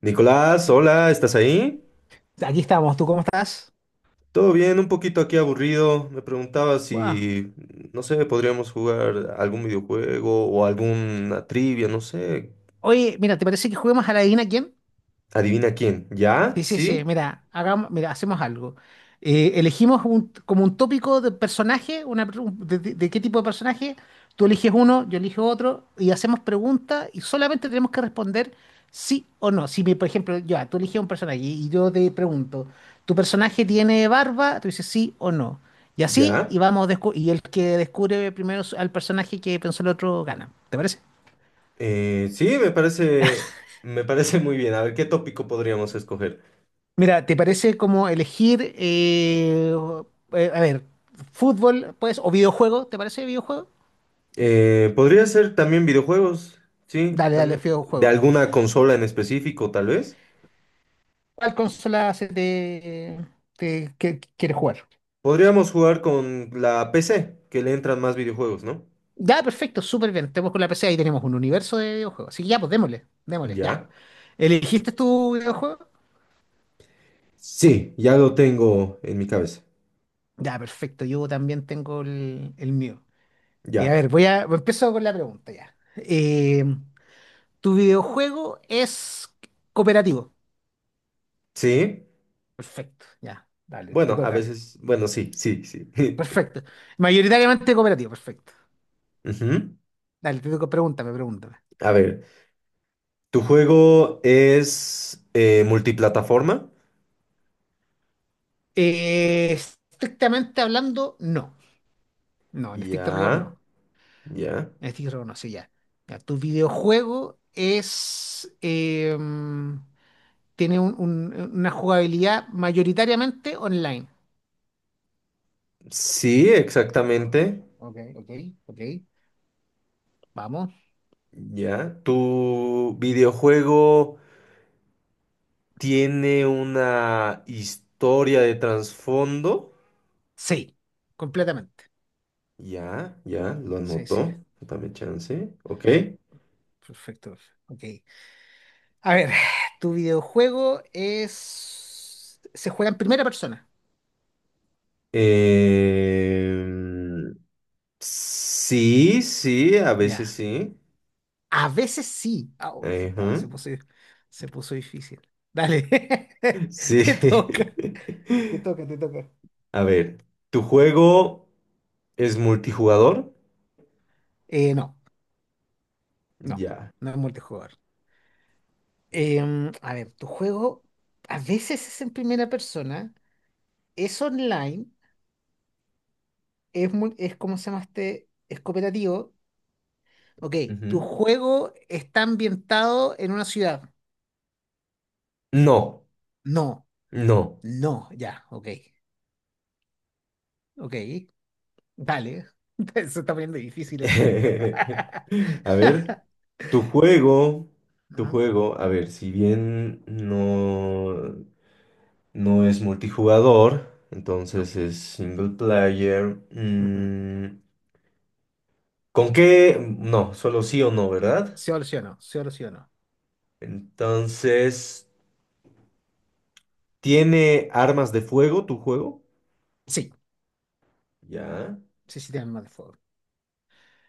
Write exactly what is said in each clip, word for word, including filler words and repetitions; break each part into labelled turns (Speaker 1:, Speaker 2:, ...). Speaker 1: Nicolás, hola, ¿estás ahí?
Speaker 2: Aquí estamos, ¿tú cómo estás?
Speaker 1: Todo bien, un poquito aquí aburrido. Me preguntaba
Speaker 2: Buah.
Speaker 1: si, no sé, podríamos jugar algún videojuego o alguna trivia, no sé.
Speaker 2: Oye, mira, ¿te parece que juguemos a la adivina quién?
Speaker 1: Adivina quién. ¿Ya?
Speaker 2: Sí, sí, sí,
Speaker 1: ¿Sí?
Speaker 2: mira, hagamos, mira, hacemos algo. Eh, elegimos un- como un tópico de personaje, una, pre- un- de, de- de qué tipo de personaje, tú eliges uno, yo elijo otro, y hacemos preguntas y solamente tenemos que responder sí o no. Si, me- Por ejemplo, yo, ah, tú eliges un personaje y yo te pregunto, ¿tu personaje tiene barba? Tú dices sí o no. Y así, y
Speaker 1: ¿Ya?
Speaker 2: vamos, descu- y el que descubre primero su- al personaje que pensó el otro gana. ¿Te parece?
Speaker 1: Eh, sí, me parece, me parece muy bien. A ver, ¿qué tópico podríamos escoger?
Speaker 2: Mira, ¿te parece como elegir, eh, eh, a ver, fútbol, pues, o videojuego? ¿Te parece videojuego?
Speaker 1: Eh, podría ser también videojuegos, sí,
Speaker 2: Dale, dale,
Speaker 1: también. De
Speaker 2: videojuego.
Speaker 1: alguna consola en específico, tal vez.
Speaker 2: ¿Cuál consola se te, te- que- que quieres jugar?
Speaker 1: Podríamos jugar con la P C, que le entran más videojuegos, ¿no?
Speaker 2: Ya, perfecto, súper bien. Tenemos con la P C, ahí tenemos un universo de videojuegos. Así que ya, pues démosle, démosle, ya.
Speaker 1: ¿Ya?
Speaker 2: ¿Elegiste tu videojuego?
Speaker 1: Sí, ya lo tengo en mi cabeza.
Speaker 2: Ya, perfecto, yo también tengo el, el mío. Eh, a
Speaker 1: Ya.
Speaker 2: ver, voy a, empiezo con la pregunta ya. Eh, ¿tu videojuego es cooperativo?
Speaker 1: ¿Sí?
Speaker 2: Perfecto, ya, dale, te
Speaker 1: Bueno, a
Speaker 2: toca.
Speaker 1: veces, bueno, sí, sí, sí.
Speaker 2: Perfecto. Mayoritariamente cooperativo, perfecto.
Speaker 1: Ujú.
Speaker 2: Dale, te toca, pregúntame, pregúntame.
Speaker 1: A ver, ¿tu juego es eh, multiplataforma?
Speaker 2: Eh, estrictamente hablando, no. No, en estricto rigor
Speaker 1: Ya,
Speaker 2: no.
Speaker 1: ya.
Speaker 2: En estricto rigor no, sí, ya. Ya, tu videojuego es... eh, tiene un- un- una jugabilidad mayoritariamente online.
Speaker 1: Sí,
Speaker 2: Ah,
Speaker 1: exactamente.
Speaker 2: ok, ok, ok. Vamos.
Speaker 1: Ya. ¿Tu videojuego tiene una historia de trasfondo?
Speaker 2: Sí, completamente.
Speaker 1: Ya, ya, lo
Speaker 2: Sí, sí.
Speaker 1: anotó. Dame chance. Ok.
Speaker 2: Perfecto. Ok. A ver, tu videojuego es... Se juega en primera persona.
Speaker 1: Eh, Sí, sí, a
Speaker 2: Ya.
Speaker 1: veces sí.
Speaker 2: A veces sí. Au, se, está-
Speaker 1: Ajá.
Speaker 2: se puso, se puso difícil. Dale.
Speaker 1: Sí.
Speaker 2: Te toca. Te toca, te toca.
Speaker 1: A ver, ¿tu juego es multijugador?
Speaker 2: Eh, no, no,
Speaker 1: Ya.
Speaker 2: no es multijugador. Em, a ver, tu juego a veces es en primera persona, es online, es, mul- es como se llama este, es cooperativo. Ok, tu
Speaker 1: Ujú.
Speaker 2: juego está ambientado en una ciudad.
Speaker 1: No,
Speaker 2: No,
Speaker 1: no.
Speaker 2: no, ya, ok. Ok, dale. Se está poniendo difícil esto.
Speaker 1: A ver, tu juego, tu
Speaker 2: Ajá,
Speaker 1: juego, a ver, si bien no, no es multijugador,
Speaker 2: no.
Speaker 1: entonces es single player.
Speaker 2: Ujú.
Speaker 1: Mm, ¿con qué? No, solo sí o no, ¿verdad?
Speaker 2: Se solucionó, se solucionó.
Speaker 1: Entonces, ¿tiene armas de fuego tu juego?
Speaker 2: Sí,
Speaker 1: Ya,
Speaker 2: sí, sí, tiene más de fuego.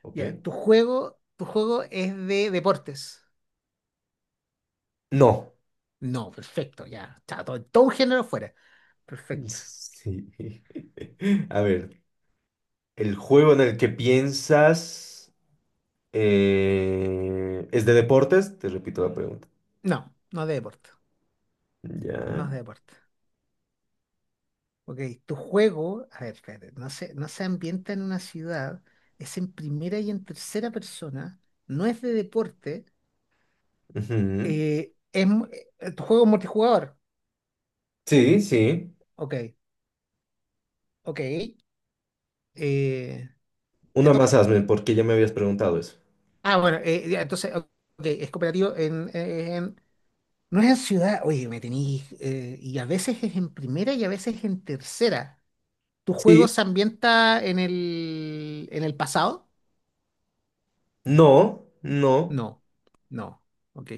Speaker 1: ok.
Speaker 2: Ya, tu juego, tu juego es de deportes.
Speaker 1: No.
Speaker 2: No, perfecto, ya. Chao, todo, todo un género fuera. Perfecto.
Speaker 1: Sí. A ver, el juego en el que piensas eh, es de deportes. Te repito la pregunta.
Speaker 2: No, no de deporte. No
Speaker 1: Ya.
Speaker 2: es de deporte. Ok, tu juego, a ver, espérate, no se, no se ambienta en una ciudad, es en primera y en tercera persona, no es de deporte.
Speaker 1: Ujú.
Speaker 2: Eh, es mu- eh, juego multijugador.
Speaker 1: Sí, sí.
Speaker 2: Ok, ok. eh, te
Speaker 1: Una más
Speaker 2: toca.
Speaker 1: hazme, porque ya me habías preguntado eso.
Speaker 2: Ah, bueno, eh, ya, entonces, ok, es cooperativo en, eh, en- No es en ciudad, oye, me tenéis... eh, y a veces es en primera y a veces en tercera. ¿Tu juego
Speaker 1: Sí,
Speaker 2: se ambienta en el, en el pasado?
Speaker 1: no, no.
Speaker 2: No, no, ok.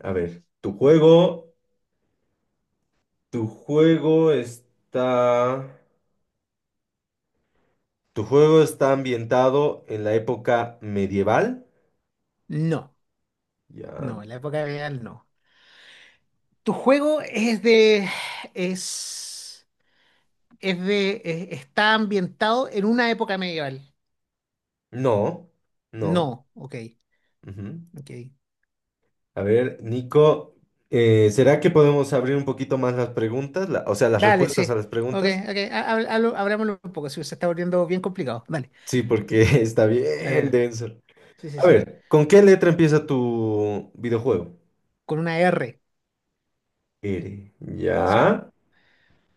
Speaker 1: A ver, tu juego, tu juego está, tu juego está ambientado en la época medieval.
Speaker 2: No,
Speaker 1: Ya.
Speaker 2: no, en la época real no. ¿Tu juego es de... es... es de... es- está ambientado en una época medieval?
Speaker 1: No, no.
Speaker 2: No, ok,
Speaker 1: Ujú.
Speaker 2: ok.
Speaker 1: A ver, Nico, eh, ¿será que podemos abrir un poquito más las preguntas? La- o sea, las
Speaker 2: Dale,
Speaker 1: respuestas
Speaker 2: sí.
Speaker 1: a las
Speaker 2: Ok,
Speaker 1: preguntas.
Speaker 2: ok. ha- ha- hablo- Hablámoslo un poco, sí, se está volviendo bien complicado. Dale,
Speaker 1: Sí, porque está
Speaker 2: dale,
Speaker 1: bien
Speaker 2: dale.
Speaker 1: denso.
Speaker 2: Sí, sí,
Speaker 1: A
Speaker 2: sí.
Speaker 1: ver, ¿con qué letra empieza tu videojuego?
Speaker 2: Con una R.
Speaker 1: R.
Speaker 2: Sí,
Speaker 1: Ya.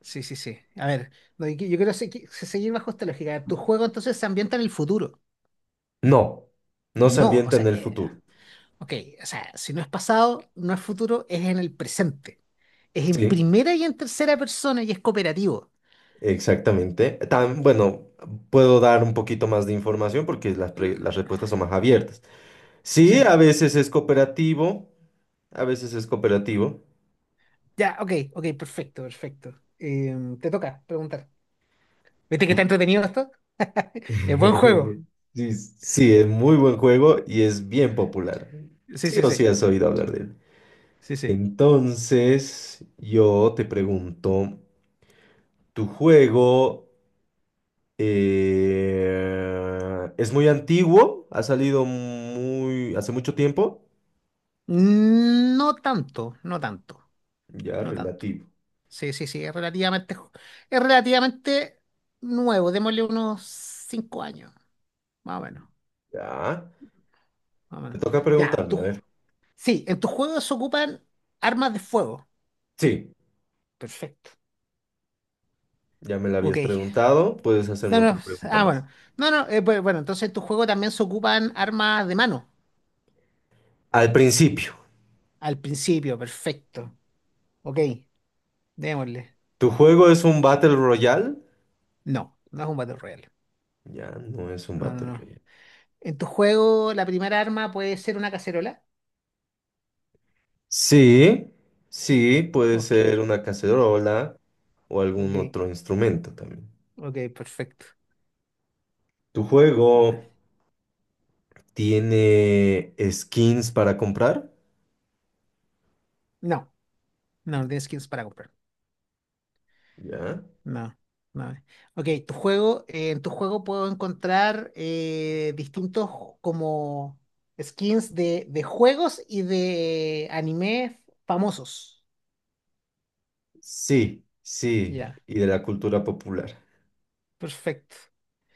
Speaker 2: sí, sí, sí. A ver, no, yo, yo quiero segui- seguir bajo esta lógica. A ver, ¿tu juego entonces se ambienta en el futuro?
Speaker 1: No, no se
Speaker 2: No, o
Speaker 1: ambienta
Speaker 2: sea,
Speaker 1: en el
Speaker 2: eh,
Speaker 1: futuro.
Speaker 2: ok, o sea, si no es pasado, no es futuro, es en el presente. Es en
Speaker 1: Sí,
Speaker 2: primera y en tercera persona y es cooperativo.
Speaker 1: exactamente. Tan, bueno, puedo dar un poquito más de información porque las, pre- las respuestas son más abiertas.
Speaker 2: Sí,
Speaker 1: Sí,
Speaker 2: sí.
Speaker 1: a veces es cooperativo. A veces es cooperativo.
Speaker 2: Ya, ok, ok, perfecto, perfecto. Em, te toca preguntar. ¿Viste que está entretenido esto? Es buen juego.
Speaker 1: Sí, sí, es muy buen juego y es bien popular.
Speaker 2: Sí,
Speaker 1: Sí
Speaker 2: sí,
Speaker 1: o sí
Speaker 2: sí.
Speaker 1: has oído hablar de él.
Speaker 2: Sí, sí.
Speaker 1: Entonces, yo te pregunto, ¿tu juego eh, es muy antiguo? ¿Ha salido muy hace mucho tiempo?
Speaker 2: Mm, no tanto, no tanto,
Speaker 1: Ya,
Speaker 2: no tanto.
Speaker 1: relativo.
Speaker 2: Sí, sí, sí, es relativamente, jo- es relativamente nuevo. Démosle unos cinco años, más o menos,
Speaker 1: Ya.
Speaker 2: más o
Speaker 1: Te
Speaker 2: menos.
Speaker 1: toca
Speaker 2: Ya,
Speaker 1: preguntarme, a
Speaker 2: tú.
Speaker 1: ver.
Speaker 2: Sí, en tus juegos se ocupan armas de fuego.
Speaker 1: Sí,
Speaker 2: Perfecto.
Speaker 1: ya me la
Speaker 2: Ok.
Speaker 1: habías preguntado. Puedes hacerme
Speaker 2: No,
Speaker 1: otra
Speaker 2: no,
Speaker 1: pregunta
Speaker 2: ah,
Speaker 1: más.
Speaker 2: bueno. No, no, eh, bu- bueno, entonces en tu juego también se ocupan armas de mano.
Speaker 1: Al principio,
Speaker 2: Al principio, perfecto. Ok, démosle.
Speaker 1: ¿tu juego es un Battle Royale?
Speaker 2: No, no es un Battle Royale.
Speaker 1: Ya no es un
Speaker 2: No, no,
Speaker 1: Battle
Speaker 2: no.
Speaker 1: Royale.
Speaker 2: En tu juego, la primera arma puede ser una cacerola.
Speaker 1: Sí, sí, puede
Speaker 2: Ok,
Speaker 1: ser una cacerola o algún
Speaker 2: ok,
Speaker 1: otro instrumento también.
Speaker 2: ok, perfecto.
Speaker 1: ¿Tu
Speaker 2: No,
Speaker 1: juego tiene skins para comprar?
Speaker 2: no, no tienes skins para comprar.
Speaker 1: Ya.
Speaker 2: No, no. Ok, tu juego, eh, en tu juego puedo encontrar eh, distintos como skins de, de juegos y de anime famosos.
Speaker 1: Sí, sí,
Speaker 2: Ya,
Speaker 1: y de la cultura popular.
Speaker 2: perfecto.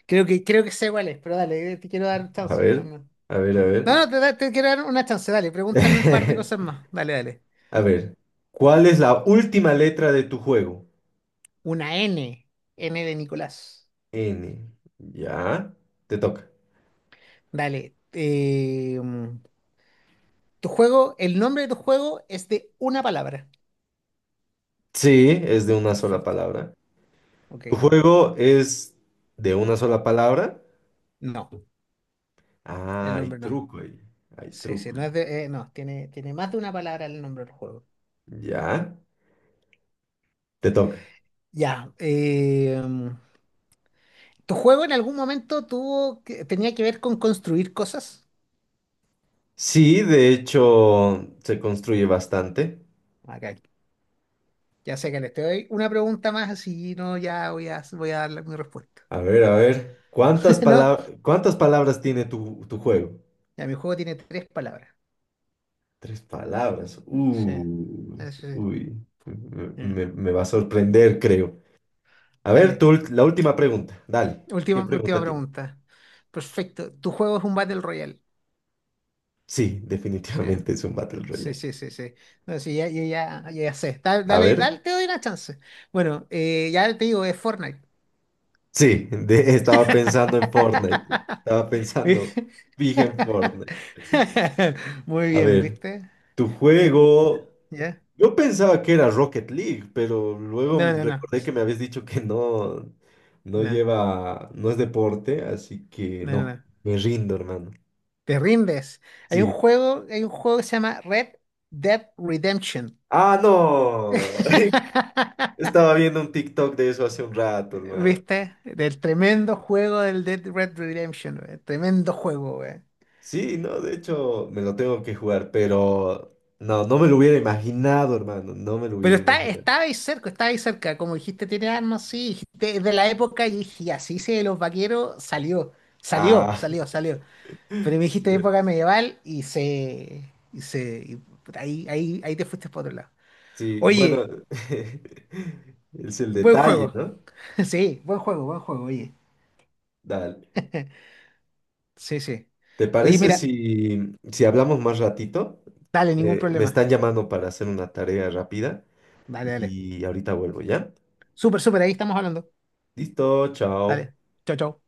Speaker 2: Creo que, creo que sé cuál es, pero dale, te quiero dar
Speaker 1: A
Speaker 2: chance
Speaker 1: ver,
Speaker 2: también.
Speaker 1: a ver, a
Speaker 2: No, no,
Speaker 1: ver.
Speaker 2: te, da- te quiero dar una chance, dale, pregúntame un par de cosas más. Dale, dale.
Speaker 1: A ver, ¿cuál es la última letra de tu juego?
Speaker 2: Una N, N de Nicolás.
Speaker 1: N. Ya, te toca.
Speaker 2: Dale. eh, mm, tu juego, el nombre de tu juego es de una palabra.
Speaker 1: Sí, es de una sola
Speaker 2: Perfecto.
Speaker 1: palabra. ¿Tu
Speaker 2: Ok.
Speaker 1: juego es de una sola palabra?
Speaker 2: No, el
Speaker 1: Ah, hay
Speaker 2: nombre no.
Speaker 1: truco ahí. Hay
Speaker 2: Sí, sí,
Speaker 1: truco
Speaker 2: no
Speaker 1: ahí.
Speaker 2: es de, eh, no, tiene, tiene más de una palabra el nombre del juego.
Speaker 1: Ya, te toca.
Speaker 2: Ya. eh, mm, ¿tu juego en algún momento tuvo que- tenía que ver con construir cosas?
Speaker 1: Sí, de hecho, se construye bastante.
Speaker 2: Acá. Ya sé que les te doy una pregunta más, así no, ya voy a, voy a dar la- mi respuesta.
Speaker 1: A ver, a ver. ¿Cuántas
Speaker 2: ¿no?
Speaker 1: palabras, cuántas palabras tiene tu, tu juego?
Speaker 2: Ya, mi juego tiene tres palabras.
Speaker 1: Tres palabras.
Speaker 2: Sí,
Speaker 1: Uy,
Speaker 2: eso sí.
Speaker 1: uy.
Speaker 2: Mm.
Speaker 1: Me, me va a sorprender, creo. A ver, tu
Speaker 2: Dale.
Speaker 1: ult- la última pregunta. Dale. ¿Qué
Speaker 2: Última, última
Speaker 1: pregunta tiene?
Speaker 2: pregunta. Perfecto. Tu juego es un Battle Royale.
Speaker 1: Sí,
Speaker 2: Sí,
Speaker 1: definitivamente es un Battle
Speaker 2: sí,
Speaker 1: Royale.
Speaker 2: sí, sí, sí. No, sí, ya, ya, ya, ya sé. Da-
Speaker 1: A
Speaker 2: Dale,
Speaker 1: ver.
Speaker 2: dale, te doy una chance. Bueno, eh, ya te digo, es Fortnite.
Speaker 1: Sí, de- estaba pensando en Fortnite. Estaba
Speaker 2: Vi-
Speaker 1: pensando, fija en Fortnite.
Speaker 2: Muy
Speaker 1: A
Speaker 2: bien,
Speaker 1: ver,
Speaker 2: ¿viste?
Speaker 1: tu
Speaker 2: Yo-
Speaker 1: juego.
Speaker 2: ¿Ya?
Speaker 1: Yo pensaba que era Rocket League, pero luego
Speaker 2: No, no, no.
Speaker 1: recordé que me habías dicho que no, no
Speaker 2: No,
Speaker 1: lleva, no es deporte, así que
Speaker 2: no, no.
Speaker 1: no,
Speaker 2: No.
Speaker 1: me rindo, hermano.
Speaker 2: Te rindes. Hay un
Speaker 1: Sí.
Speaker 2: juego, hay un juego que se llama Red Dead Redemption.
Speaker 1: Ah, no. Estaba viendo un TikTok de eso hace un rato, hermano.
Speaker 2: ¿Viste? Del tremendo juego del Dead Red Redemption, wey. Tremendo juego, wey.
Speaker 1: Sí, no, de hecho, me lo tengo que jugar, pero no, no me lo hubiera imaginado, hermano. No me lo
Speaker 2: Pero
Speaker 1: hubiera
Speaker 2: está,
Speaker 1: imaginado.
Speaker 2: estaba ahí cerca, estaba ahí cerca. Como dijiste, tiene armas, sí. Dijiste, "Es de la época", y dije, ya, sí, sí, de los vaqueros, salió, salió,
Speaker 1: Ah,
Speaker 2: salió, salió. Pero me dijiste
Speaker 1: cierto.
Speaker 2: época medieval y se. Y se. Y puta, ahí, ahí, ahí te fuiste por otro lado.
Speaker 1: Sí, bueno,
Speaker 2: Oye,
Speaker 1: es el
Speaker 2: buen
Speaker 1: detalle,
Speaker 2: juego.
Speaker 1: ¿no?
Speaker 2: Sí, buen juego, buen juego, oye.
Speaker 1: Dale.
Speaker 2: Sí, sí.
Speaker 1: ¿Te
Speaker 2: Oye,
Speaker 1: parece
Speaker 2: mira,
Speaker 1: si, si hablamos más ratito?
Speaker 2: dale, ningún
Speaker 1: Eh, me están
Speaker 2: problema.
Speaker 1: llamando para hacer una tarea rápida
Speaker 2: Dale, dale.
Speaker 1: y ahorita vuelvo, ¿ya?
Speaker 2: Súper, súper, ahí estamos hablando.
Speaker 1: Listo, chao.
Speaker 2: Dale. Chao, chao.